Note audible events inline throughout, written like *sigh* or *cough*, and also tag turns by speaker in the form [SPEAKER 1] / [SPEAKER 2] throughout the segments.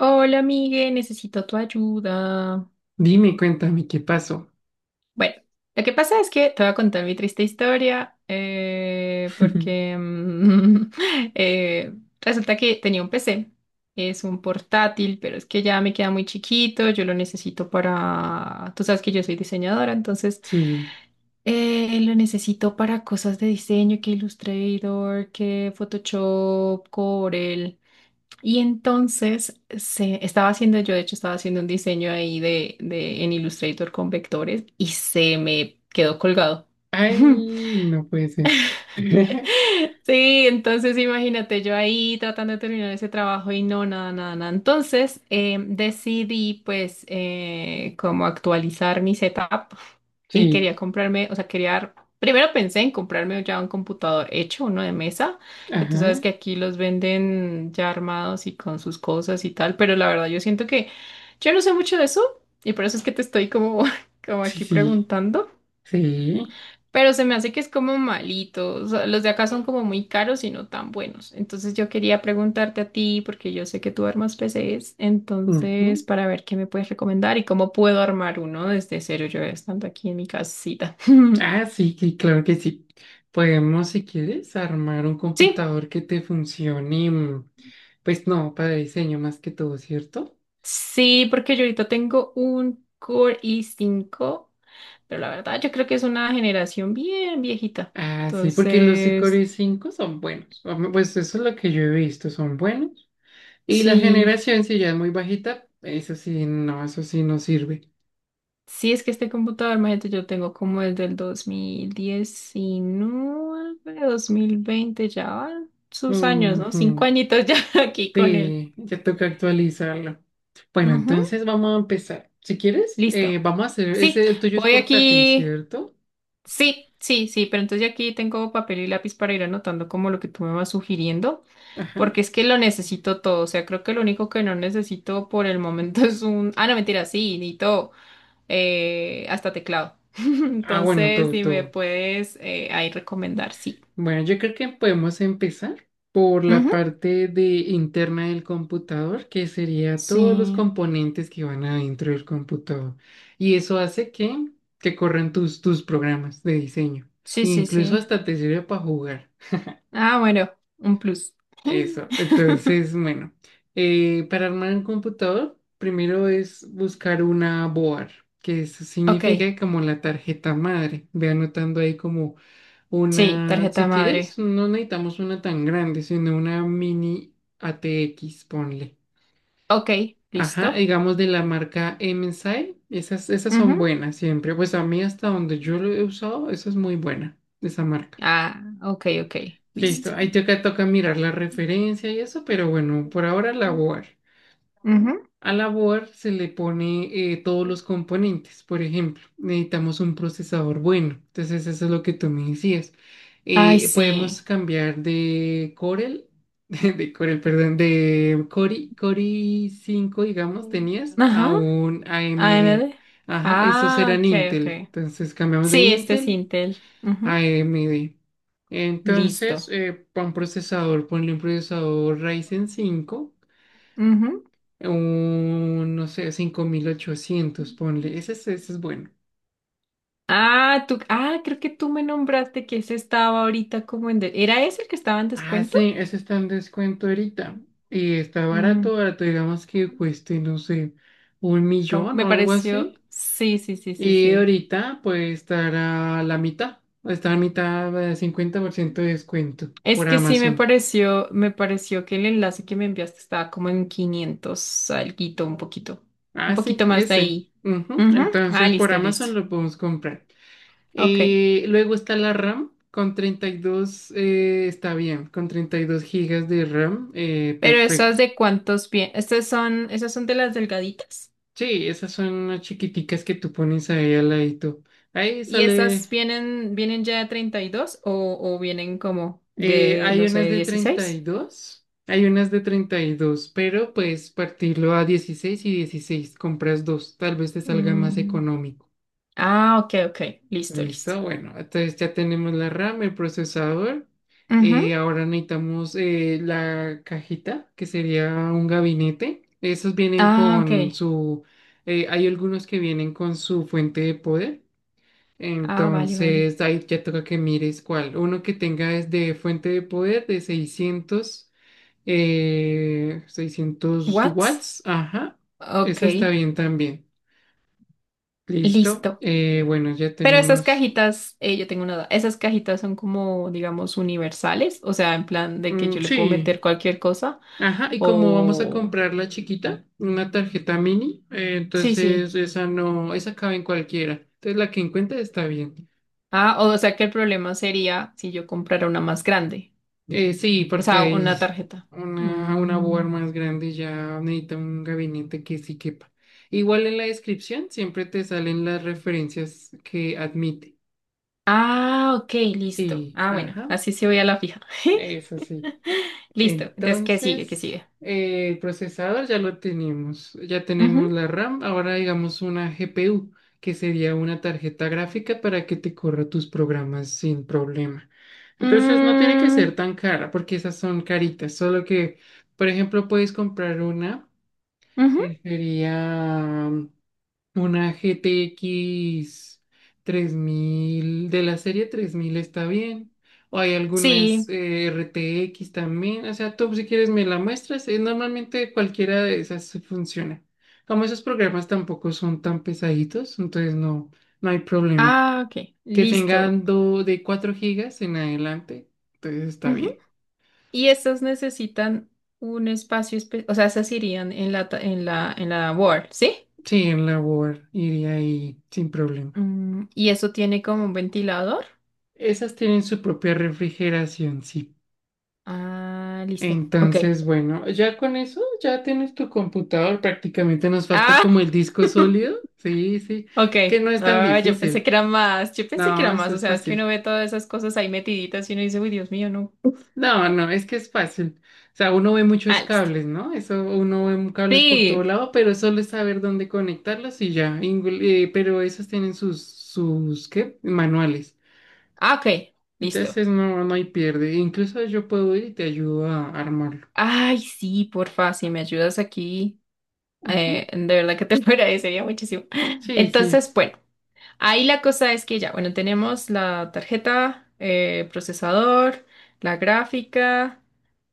[SPEAKER 1] Hola, Migue, necesito tu ayuda.
[SPEAKER 2] Dime, cuéntame qué pasó.
[SPEAKER 1] Bueno, lo que pasa es que te voy a contar mi triste historia,
[SPEAKER 2] *laughs*
[SPEAKER 1] porque *laughs* eh, resulta que tenía un PC, es un portátil, pero es que ya me queda muy chiquito, yo lo necesito para, tú sabes que yo soy diseñadora, entonces
[SPEAKER 2] Sí.
[SPEAKER 1] lo necesito para cosas de diseño, que Illustrator, que Photoshop, Corel. Y entonces estaba haciendo, yo de hecho estaba haciendo un diseño ahí en Illustrator con vectores y se me quedó colgado. *laughs*
[SPEAKER 2] Ay, no puede ser. *laughs*
[SPEAKER 1] Sí, entonces imagínate yo ahí tratando de terminar ese trabajo y no, nada, nada, nada. Entonces decidí pues como actualizar mi setup y
[SPEAKER 2] Sí.
[SPEAKER 1] quería comprarme, o sea, quería, primero pensé en comprarme ya un computador hecho, uno de mesa, que tú sabes
[SPEAKER 2] Ajá.
[SPEAKER 1] que aquí los venden ya armados y con sus cosas y tal, pero la verdad yo siento que yo no sé mucho de eso y por eso es que te estoy como, *laughs* como
[SPEAKER 2] Sí,
[SPEAKER 1] aquí
[SPEAKER 2] sí.
[SPEAKER 1] preguntando.
[SPEAKER 2] Sí.
[SPEAKER 1] Pero se me hace que es como malito. O sea, los de acá son como muy caros y no tan buenos. Entonces yo quería preguntarte a ti, porque yo sé que tú armas PCs, entonces
[SPEAKER 2] Ujú.
[SPEAKER 1] para ver qué me puedes recomendar y cómo puedo armar uno desde cero yo estando aquí en mi casita. *laughs*
[SPEAKER 2] Ah, sí, sí, claro que sí. Podemos, si quieres, armar un
[SPEAKER 1] Sí,
[SPEAKER 2] computador que te funcione. Pues no, para diseño más que todo, ¿cierto?
[SPEAKER 1] sí, porque yo ahorita tengo un Core i5, pero la verdad yo creo que es una generación bien viejita.
[SPEAKER 2] Ah, sí, porque los de
[SPEAKER 1] Entonces,
[SPEAKER 2] Core cinco son buenos. O Pues eso es lo que yo he visto, son buenos. Y la
[SPEAKER 1] sí.
[SPEAKER 2] generación, si ya es muy bajita, eso sí no sirve.
[SPEAKER 1] Sí, es que este computador, imagínate, yo tengo como desde el 2019, 2020, ya van sus años, ¿no? Cinco
[SPEAKER 2] Ujú.
[SPEAKER 1] añitos ya *laughs* aquí con él.
[SPEAKER 2] Sí, ya toca actualizarlo. Bueno,
[SPEAKER 1] Ujú.
[SPEAKER 2] entonces vamos a empezar. Si quieres,
[SPEAKER 1] Listo.
[SPEAKER 2] vamos a hacer,
[SPEAKER 1] Sí,
[SPEAKER 2] ese, el tuyo es
[SPEAKER 1] voy
[SPEAKER 2] portátil,
[SPEAKER 1] aquí.
[SPEAKER 2] ¿cierto?
[SPEAKER 1] Sí, sí, sí, pero entonces ya aquí tengo papel y lápiz para ir anotando como lo que tú me vas sugiriendo,
[SPEAKER 2] Ajá.
[SPEAKER 1] porque es que lo necesito todo. O sea, creo que lo único que no necesito por el momento *laughs* es un... Ah, no, mentira, sí, necesito. Hasta teclado. *laughs*
[SPEAKER 2] Ah, bueno,
[SPEAKER 1] Entonces,
[SPEAKER 2] todo,
[SPEAKER 1] si me
[SPEAKER 2] todo.
[SPEAKER 1] puedes ahí recomendar, sí.
[SPEAKER 2] Bueno, yo creo que podemos empezar por la
[SPEAKER 1] Ujú.
[SPEAKER 2] parte de interna del computador, que sería todos los
[SPEAKER 1] Sí,
[SPEAKER 2] componentes que van adentro del computador. Y eso hace que corran tus, tus programas de diseño.
[SPEAKER 1] sí,
[SPEAKER 2] E
[SPEAKER 1] sí,
[SPEAKER 2] incluso
[SPEAKER 1] sí.
[SPEAKER 2] hasta te sirve para jugar.
[SPEAKER 1] Ah, bueno, un plus.
[SPEAKER 2] Eso,
[SPEAKER 1] *laughs*
[SPEAKER 2] entonces, bueno, para armar un computador, primero es buscar una board, que eso
[SPEAKER 1] Ok,
[SPEAKER 2] significa como la tarjeta madre. Ve anotando ahí como
[SPEAKER 1] sí,
[SPEAKER 2] una,
[SPEAKER 1] tarjeta
[SPEAKER 2] si
[SPEAKER 1] madre.
[SPEAKER 2] quieres, no necesitamos una tan grande, sino una mini ATX, ponle.
[SPEAKER 1] Ok,
[SPEAKER 2] Ajá,
[SPEAKER 1] listo.
[SPEAKER 2] digamos de la marca MSI, esas, esas
[SPEAKER 1] Ujú.
[SPEAKER 2] son buenas siempre. Pues a mí hasta donde yo lo he usado, eso es muy buena, esa marca.
[SPEAKER 1] Ah, ok, ok, listo.
[SPEAKER 2] Listo, ahí toca, toca mirar la referencia y eso, pero bueno, por ahora la board.
[SPEAKER 1] Ujú.
[SPEAKER 2] A la board se le pone todos los componentes. Por ejemplo, necesitamos un procesador bueno. Entonces, eso es lo que tú me decías.
[SPEAKER 1] Ay, sí.
[SPEAKER 2] Podemos cambiar de Corel, *laughs* de Corel, perdón, de Cori, Cori 5 digamos, tenías,
[SPEAKER 1] Ajá,
[SPEAKER 2] a un AMD.
[SPEAKER 1] AMD.
[SPEAKER 2] Ajá, esos
[SPEAKER 1] Ah,
[SPEAKER 2] eran
[SPEAKER 1] ok,
[SPEAKER 2] Intel.
[SPEAKER 1] ok.
[SPEAKER 2] Entonces, cambiamos de
[SPEAKER 1] Sí, este es
[SPEAKER 2] Intel
[SPEAKER 1] Intel.
[SPEAKER 2] a
[SPEAKER 1] Ujú.
[SPEAKER 2] AMD. Entonces,
[SPEAKER 1] Listo.
[SPEAKER 2] para un procesador, ponle un procesador Ryzen 5
[SPEAKER 1] Ujú.
[SPEAKER 2] un, no sé, 5800 ponle. Ese es bueno.
[SPEAKER 1] Ah, tú, ah, creo que tú me nombraste que ese estaba ahorita como en... de- ¿Era ese el que estaba en
[SPEAKER 2] Ah,
[SPEAKER 1] descuento?
[SPEAKER 2] sí, ese está en descuento ahorita. Y está
[SPEAKER 1] Mm,
[SPEAKER 2] barato, barato, digamos que cueste, no sé, un
[SPEAKER 1] com-
[SPEAKER 2] millón
[SPEAKER 1] me
[SPEAKER 2] o algo
[SPEAKER 1] pareció...
[SPEAKER 2] así.
[SPEAKER 1] Sí, sí, sí, sí,
[SPEAKER 2] Y
[SPEAKER 1] sí.
[SPEAKER 2] ahorita puede estar a la mitad. Está a mitad, 50% de descuento
[SPEAKER 1] Es
[SPEAKER 2] por
[SPEAKER 1] que sí
[SPEAKER 2] Amazon.
[SPEAKER 1] me pareció que el enlace que me enviaste estaba como en 500, alguito, un
[SPEAKER 2] Ah,
[SPEAKER 1] poquito
[SPEAKER 2] sí,
[SPEAKER 1] más de
[SPEAKER 2] ese.
[SPEAKER 1] ahí.
[SPEAKER 2] Ujú.
[SPEAKER 1] Ujú. Ah,
[SPEAKER 2] Entonces por
[SPEAKER 1] listo, listo.
[SPEAKER 2] Amazon lo podemos comprar.
[SPEAKER 1] Ok.
[SPEAKER 2] Luego está la RAM con 32, está bien, con 32 gigas de RAM,
[SPEAKER 1] Pero esas
[SPEAKER 2] perfecto.
[SPEAKER 1] de cuántos pies, estas son, esas son de las delgaditas.
[SPEAKER 2] Sí, esas son unas chiquiticas que tú pones ahí al ladito. Ahí
[SPEAKER 1] ¿Y esas
[SPEAKER 2] sale,
[SPEAKER 1] vienen, vienen ya de 32 o vienen como de,
[SPEAKER 2] hay
[SPEAKER 1] no
[SPEAKER 2] unas
[SPEAKER 1] sé,
[SPEAKER 2] de treinta y
[SPEAKER 1] dieciséis?
[SPEAKER 2] dos, hay unas de 32, pero pues partirlo a 16 y 16, compras dos, tal vez te salga más
[SPEAKER 1] Mm.
[SPEAKER 2] económico.
[SPEAKER 1] Ah, ok, ok. Listo, listo.
[SPEAKER 2] Listo, bueno, entonces ya tenemos la RAM, el procesador
[SPEAKER 1] Ujú.
[SPEAKER 2] y ahora necesitamos la cajita que sería un gabinete. Esos vienen
[SPEAKER 1] Ah, ok.
[SPEAKER 2] con su, hay algunos que vienen con su fuente de poder.
[SPEAKER 1] Ah, vale, vale.
[SPEAKER 2] Entonces ahí ya toca que mires cuál. Uno que tenga es de fuente de poder de 600 600
[SPEAKER 1] What?
[SPEAKER 2] watts. Ajá,
[SPEAKER 1] Ok,
[SPEAKER 2] ese está bien también. Listo.
[SPEAKER 1] listo.
[SPEAKER 2] Bueno, ya
[SPEAKER 1] Pero esas
[SPEAKER 2] tenemos.
[SPEAKER 1] cajitas, yo tengo una duda. Esas cajitas son como, digamos, universales, o sea, en plan de que
[SPEAKER 2] Mm,
[SPEAKER 1] yo le puedo
[SPEAKER 2] sí.
[SPEAKER 1] meter cualquier cosa.
[SPEAKER 2] Ajá, y como vamos a
[SPEAKER 1] O...
[SPEAKER 2] comprar la chiquita, una tarjeta mini,
[SPEAKER 1] Sí, sí.
[SPEAKER 2] entonces esa no, esa cabe en cualquiera. Entonces la que encuentre está bien.
[SPEAKER 1] Ah, o sea que el problema sería si yo comprara una más grande.
[SPEAKER 2] Sí,
[SPEAKER 1] O
[SPEAKER 2] porque
[SPEAKER 1] sea, una
[SPEAKER 2] hay
[SPEAKER 1] tarjeta.
[SPEAKER 2] una
[SPEAKER 1] Mm.
[SPEAKER 2] board más grande y ya necesita un gabinete que sí quepa. Igual en la descripción siempre te salen las referencias que admite.
[SPEAKER 1] Ah, ok, listo.
[SPEAKER 2] Sí,
[SPEAKER 1] Ah, bueno,
[SPEAKER 2] ajá,
[SPEAKER 1] así sí voy a la fija. *laughs*
[SPEAKER 2] eso sí.
[SPEAKER 1] Listo. Entonces, ¿qué sigue? ¿Qué
[SPEAKER 2] Entonces,
[SPEAKER 1] sigue?
[SPEAKER 2] el procesador ya lo tenemos, ya tenemos
[SPEAKER 1] Ujú.
[SPEAKER 2] la RAM, ahora digamos una GPU, que sería una tarjeta gráfica para que te corra tus programas sin problema. Entonces, no tiene que
[SPEAKER 1] Mm,
[SPEAKER 2] ser tan cara, porque esas son caritas, solo que, por ejemplo, puedes comprar una
[SPEAKER 1] ujú.
[SPEAKER 2] que sería una GTX mil de la serie 3000 está bien. O hay algunas
[SPEAKER 1] Sí.
[SPEAKER 2] RTX también. O sea, tú si quieres me la muestras. Normalmente cualquiera de esas se funciona. Como esos programas tampoco son tan pesaditos, entonces no, no hay problema.
[SPEAKER 1] Ah, ok,
[SPEAKER 2] Que
[SPEAKER 1] listo.
[SPEAKER 2] tengan de 4 gigas en adelante, entonces está
[SPEAKER 1] Ujú.
[SPEAKER 2] bien.
[SPEAKER 1] Y estas necesitan un espacio especial, o sea, esas irían en la, ta- en la board, ¿sí?
[SPEAKER 2] Sí, en la Word iría ahí sin problema.
[SPEAKER 1] Mm, y eso tiene como un ventilador.
[SPEAKER 2] Esas tienen su propia refrigeración, sí.
[SPEAKER 1] Ah, listo. Ok.
[SPEAKER 2] Entonces, bueno, ya con eso ya tienes tu computador. Prácticamente nos falta
[SPEAKER 1] Ah,
[SPEAKER 2] como el disco
[SPEAKER 1] *laughs*
[SPEAKER 2] sólido. Sí, sí.
[SPEAKER 1] Ok,
[SPEAKER 2] Es que no es tan
[SPEAKER 1] ah, yo pensé
[SPEAKER 2] difícil.
[SPEAKER 1] que era más, yo pensé que era
[SPEAKER 2] No,
[SPEAKER 1] más,
[SPEAKER 2] eso
[SPEAKER 1] o
[SPEAKER 2] es
[SPEAKER 1] sea, es que uno
[SPEAKER 2] fácil.
[SPEAKER 1] ve todas esas cosas ahí metiditas y uno dice, uy, Dios mío, no.
[SPEAKER 2] No, no, es que es fácil. O sea, uno ve
[SPEAKER 1] Ah,
[SPEAKER 2] muchos
[SPEAKER 1] listo.
[SPEAKER 2] cables, ¿no? Eso, uno ve cables por todo
[SPEAKER 1] Sí,
[SPEAKER 2] lado, pero solo es saber dónde conectarlos y ya. Pero esos tienen sus, sus, ¿qué? Manuales.
[SPEAKER 1] ah, ok, listo.
[SPEAKER 2] Entonces, no, no hay pierde. Incluso yo puedo ir y te ayudo a armarlo.
[SPEAKER 1] Ay, sí, porfa, si me ayudas aquí,
[SPEAKER 2] Ujú.
[SPEAKER 1] de verdad que te lo *laughs* agradecería muchísimo.
[SPEAKER 2] Sí, sí.
[SPEAKER 1] Entonces, bueno, ahí la cosa es que ya, bueno, tenemos la tarjeta, procesador, la gráfica,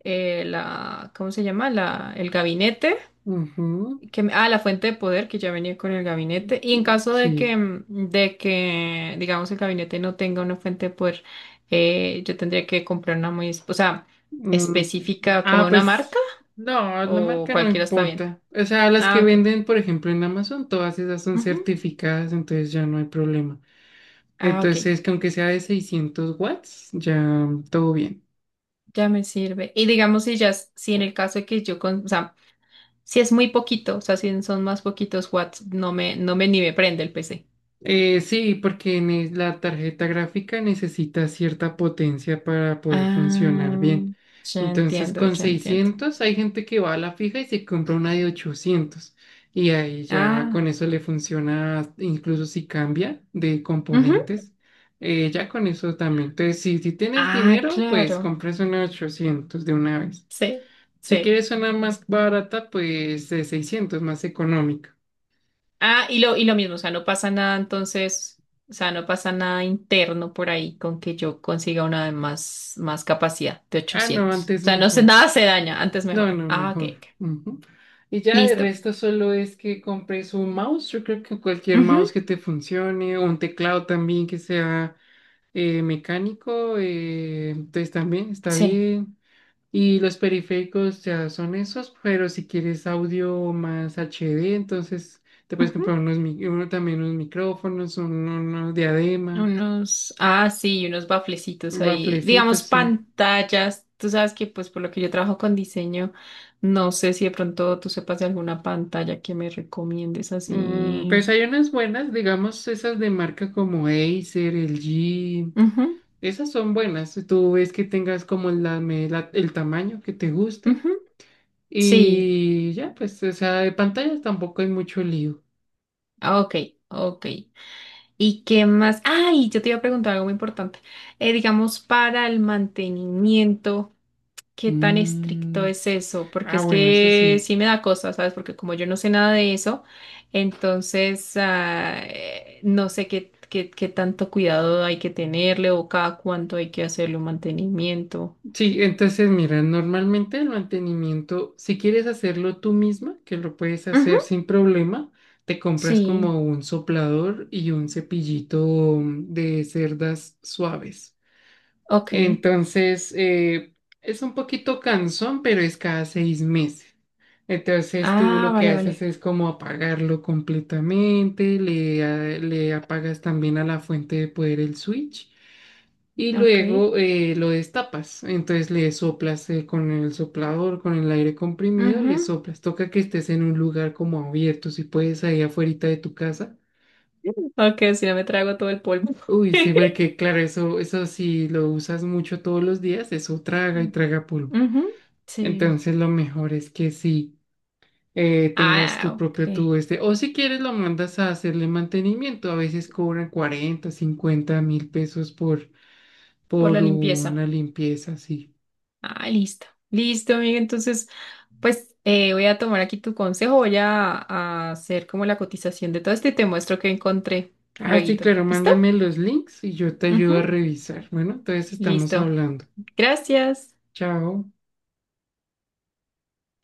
[SPEAKER 1] ¿cómo se llama? La, el gabinete.
[SPEAKER 2] Ujú.
[SPEAKER 1] Que ah, la fuente de poder que ya venía con el gabinete. Y en caso de que,
[SPEAKER 2] Sí.
[SPEAKER 1] digamos, el gabinete no tenga una fuente de poder, yo tendría que comprar una muy, es- o sea,
[SPEAKER 2] Mm.
[SPEAKER 1] específica como una marca
[SPEAKER 2] Pues no, la
[SPEAKER 1] o
[SPEAKER 2] marca no
[SPEAKER 1] cualquiera está bien.
[SPEAKER 2] importa. O sea, las
[SPEAKER 1] Ah,
[SPEAKER 2] que
[SPEAKER 1] ok.
[SPEAKER 2] venden, por ejemplo, en Amazon, todas esas son
[SPEAKER 1] Ujú.
[SPEAKER 2] certificadas, entonces ya no hay problema.
[SPEAKER 1] Ah, ok.
[SPEAKER 2] Entonces, que aunque sea de 600 watts, ya todo bien.
[SPEAKER 1] Ya me sirve. Y digamos, si ya, es- si en el caso de que yo con, o sea, si es muy poquito, o sea, si son más poquitos watts, no me ni me prende el PC.
[SPEAKER 2] Sí, porque la tarjeta gráfica necesita cierta potencia para poder funcionar
[SPEAKER 1] Ah,
[SPEAKER 2] bien.
[SPEAKER 1] ya
[SPEAKER 2] Entonces,
[SPEAKER 1] entiendo,
[SPEAKER 2] con
[SPEAKER 1] ya entiendo.
[SPEAKER 2] 600 hay gente que va a la fija y se compra una de 800. Y ahí ya
[SPEAKER 1] Ah,
[SPEAKER 2] con eso le funciona, incluso si cambia de
[SPEAKER 1] ujú.
[SPEAKER 2] componentes, ya con eso también. Entonces, si tienes
[SPEAKER 1] Ah,
[SPEAKER 2] dinero, pues
[SPEAKER 1] claro.
[SPEAKER 2] compras una 800 de una vez.
[SPEAKER 1] Sí,
[SPEAKER 2] Si
[SPEAKER 1] sí.
[SPEAKER 2] quieres una más barata, pues de 600, más económica.
[SPEAKER 1] Ah, y lo mismo, o sea, no pasa nada entonces, o sea, no pasa nada interno por ahí con que yo consiga una de más, más capacidad de
[SPEAKER 2] Ah, no,
[SPEAKER 1] 800. O
[SPEAKER 2] antes
[SPEAKER 1] sea, no sé,
[SPEAKER 2] mejor.
[SPEAKER 1] nada se daña, antes
[SPEAKER 2] No,
[SPEAKER 1] mejor.
[SPEAKER 2] no,
[SPEAKER 1] Ah, ok,
[SPEAKER 2] mejor.
[SPEAKER 1] ok.
[SPEAKER 2] Ujú. Y ya de
[SPEAKER 1] Listo.
[SPEAKER 2] resto solo es que compres un mouse. Yo creo que cualquier
[SPEAKER 1] Ujú.
[SPEAKER 2] mouse que te funcione, o un teclado también que sea mecánico, entonces también está
[SPEAKER 1] Sí.
[SPEAKER 2] bien. Y los periféricos ya son esos, pero si quieres audio más HD entonces te puedes
[SPEAKER 1] Ujú.
[SPEAKER 2] comprar uno, también unos micrófonos, unos diadema,
[SPEAKER 1] Unos, ah, sí, unos baflecitos ahí. Digamos,
[SPEAKER 2] baflecitos, sí.
[SPEAKER 1] pantallas. Tú sabes que, pues, por lo que yo trabajo con diseño, no sé si de pronto tú sepas de alguna pantalla que me recomiendes
[SPEAKER 2] Mm,
[SPEAKER 1] así.
[SPEAKER 2] pues hay unas buenas, digamos, esas de marca como Acer, LG.
[SPEAKER 1] Ujú,
[SPEAKER 2] Esas son buenas. Tú ves que tengas como el tamaño que te guste.
[SPEAKER 1] ujú. Sí,
[SPEAKER 2] Y ya, pues, o sea, de pantallas tampoco hay mucho lío.
[SPEAKER 1] ah, ok, ok. ¿Y qué más? Ay, yo te iba a preguntar algo muy importante. Digamos, para el mantenimiento, ¿qué tan estricto
[SPEAKER 2] Mm.
[SPEAKER 1] es eso? Porque
[SPEAKER 2] Ah,
[SPEAKER 1] es
[SPEAKER 2] bueno, eso
[SPEAKER 1] que
[SPEAKER 2] sí.
[SPEAKER 1] sí me da cosa, ¿sabes? Porque como yo no sé nada de eso, entonces no sé qué tanto cuidado hay que tenerle o cada cuánto hay que hacerle un mantenimiento.
[SPEAKER 2] Sí, entonces mira, normalmente el mantenimiento, si quieres hacerlo tú misma, que lo puedes
[SPEAKER 1] Ujú.
[SPEAKER 2] hacer sin problema, te compras
[SPEAKER 1] Sí,
[SPEAKER 2] como un soplador y un cepillito de cerdas suaves.
[SPEAKER 1] ok.
[SPEAKER 2] Entonces, es un poquito cansón, pero es cada 6 meses. Entonces, tú
[SPEAKER 1] Ah,
[SPEAKER 2] lo que
[SPEAKER 1] vale,
[SPEAKER 2] haces
[SPEAKER 1] vale.
[SPEAKER 2] es como apagarlo completamente, le apagas también a la fuente de poder el switch y
[SPEAKER 1] Ok.
[SPEAKER 2] luego lo destapas. Entonces, le soplas con el soplador, con el aire comprimido, le
[SPEAKER 1] Ujú.
[SPEAKER 2] soplas. Toca que estés en un lugar como abierto, si puedes, ahí afuerita de tu casa.
[SPEAKER 1] Ok, si no me trago todo el polvo.
[SPEAKER 2] Uy, sí,
[SPEAKER 1] *laughs*
[SPEAKER 2] porque claro, eso si lo usas mucho todos los días, eso traga y
[SPEAKER 1] Mm.
[SPEAKER 2] traga polvo.
[SPEAKER 1] Ujú. Sí.
[SPEAKER 2] Entonces lo mejor es que sí tengas
[SPEAKER 1] Ah,
[SPEAKER 2] tu
[SPEAKER 1] ok.
[SPEAKER 2] propio tubo este. O si quieres lo mandas a hacerle mantenimiento. A veces cobran 40 50 mil pesos
[SPEAKER 1] Por la
[SPEAKER 2] por
[SPEAKER 1] limpieza.
[SPEAKER 2] una limpieza así.
[SPEAKER 1] Ah, listo. Listo, amiga. Entonces, pues voy a tomar aquí tu consejo. Voy a hacer como la cotización de todo esto y te muestro que encontré
[SPEAKER 2] Ah, sí,
[SPEAKER 1] lueguito.
[SPEAKER 2] claro,
[SPEAKER 1] ¿Listo?
[SPEAKER 2] mándame los links y yo te
[SPEAKER 1] Ujú.
[SPEAKER 2] ayudo a revisar. Bueno, entonces estamos
[SPEAKER 1] Listo.
[SPEAKER 2] hablando.
[SPEAKER 1] Gracias.
[SPEAKER 2] Chao.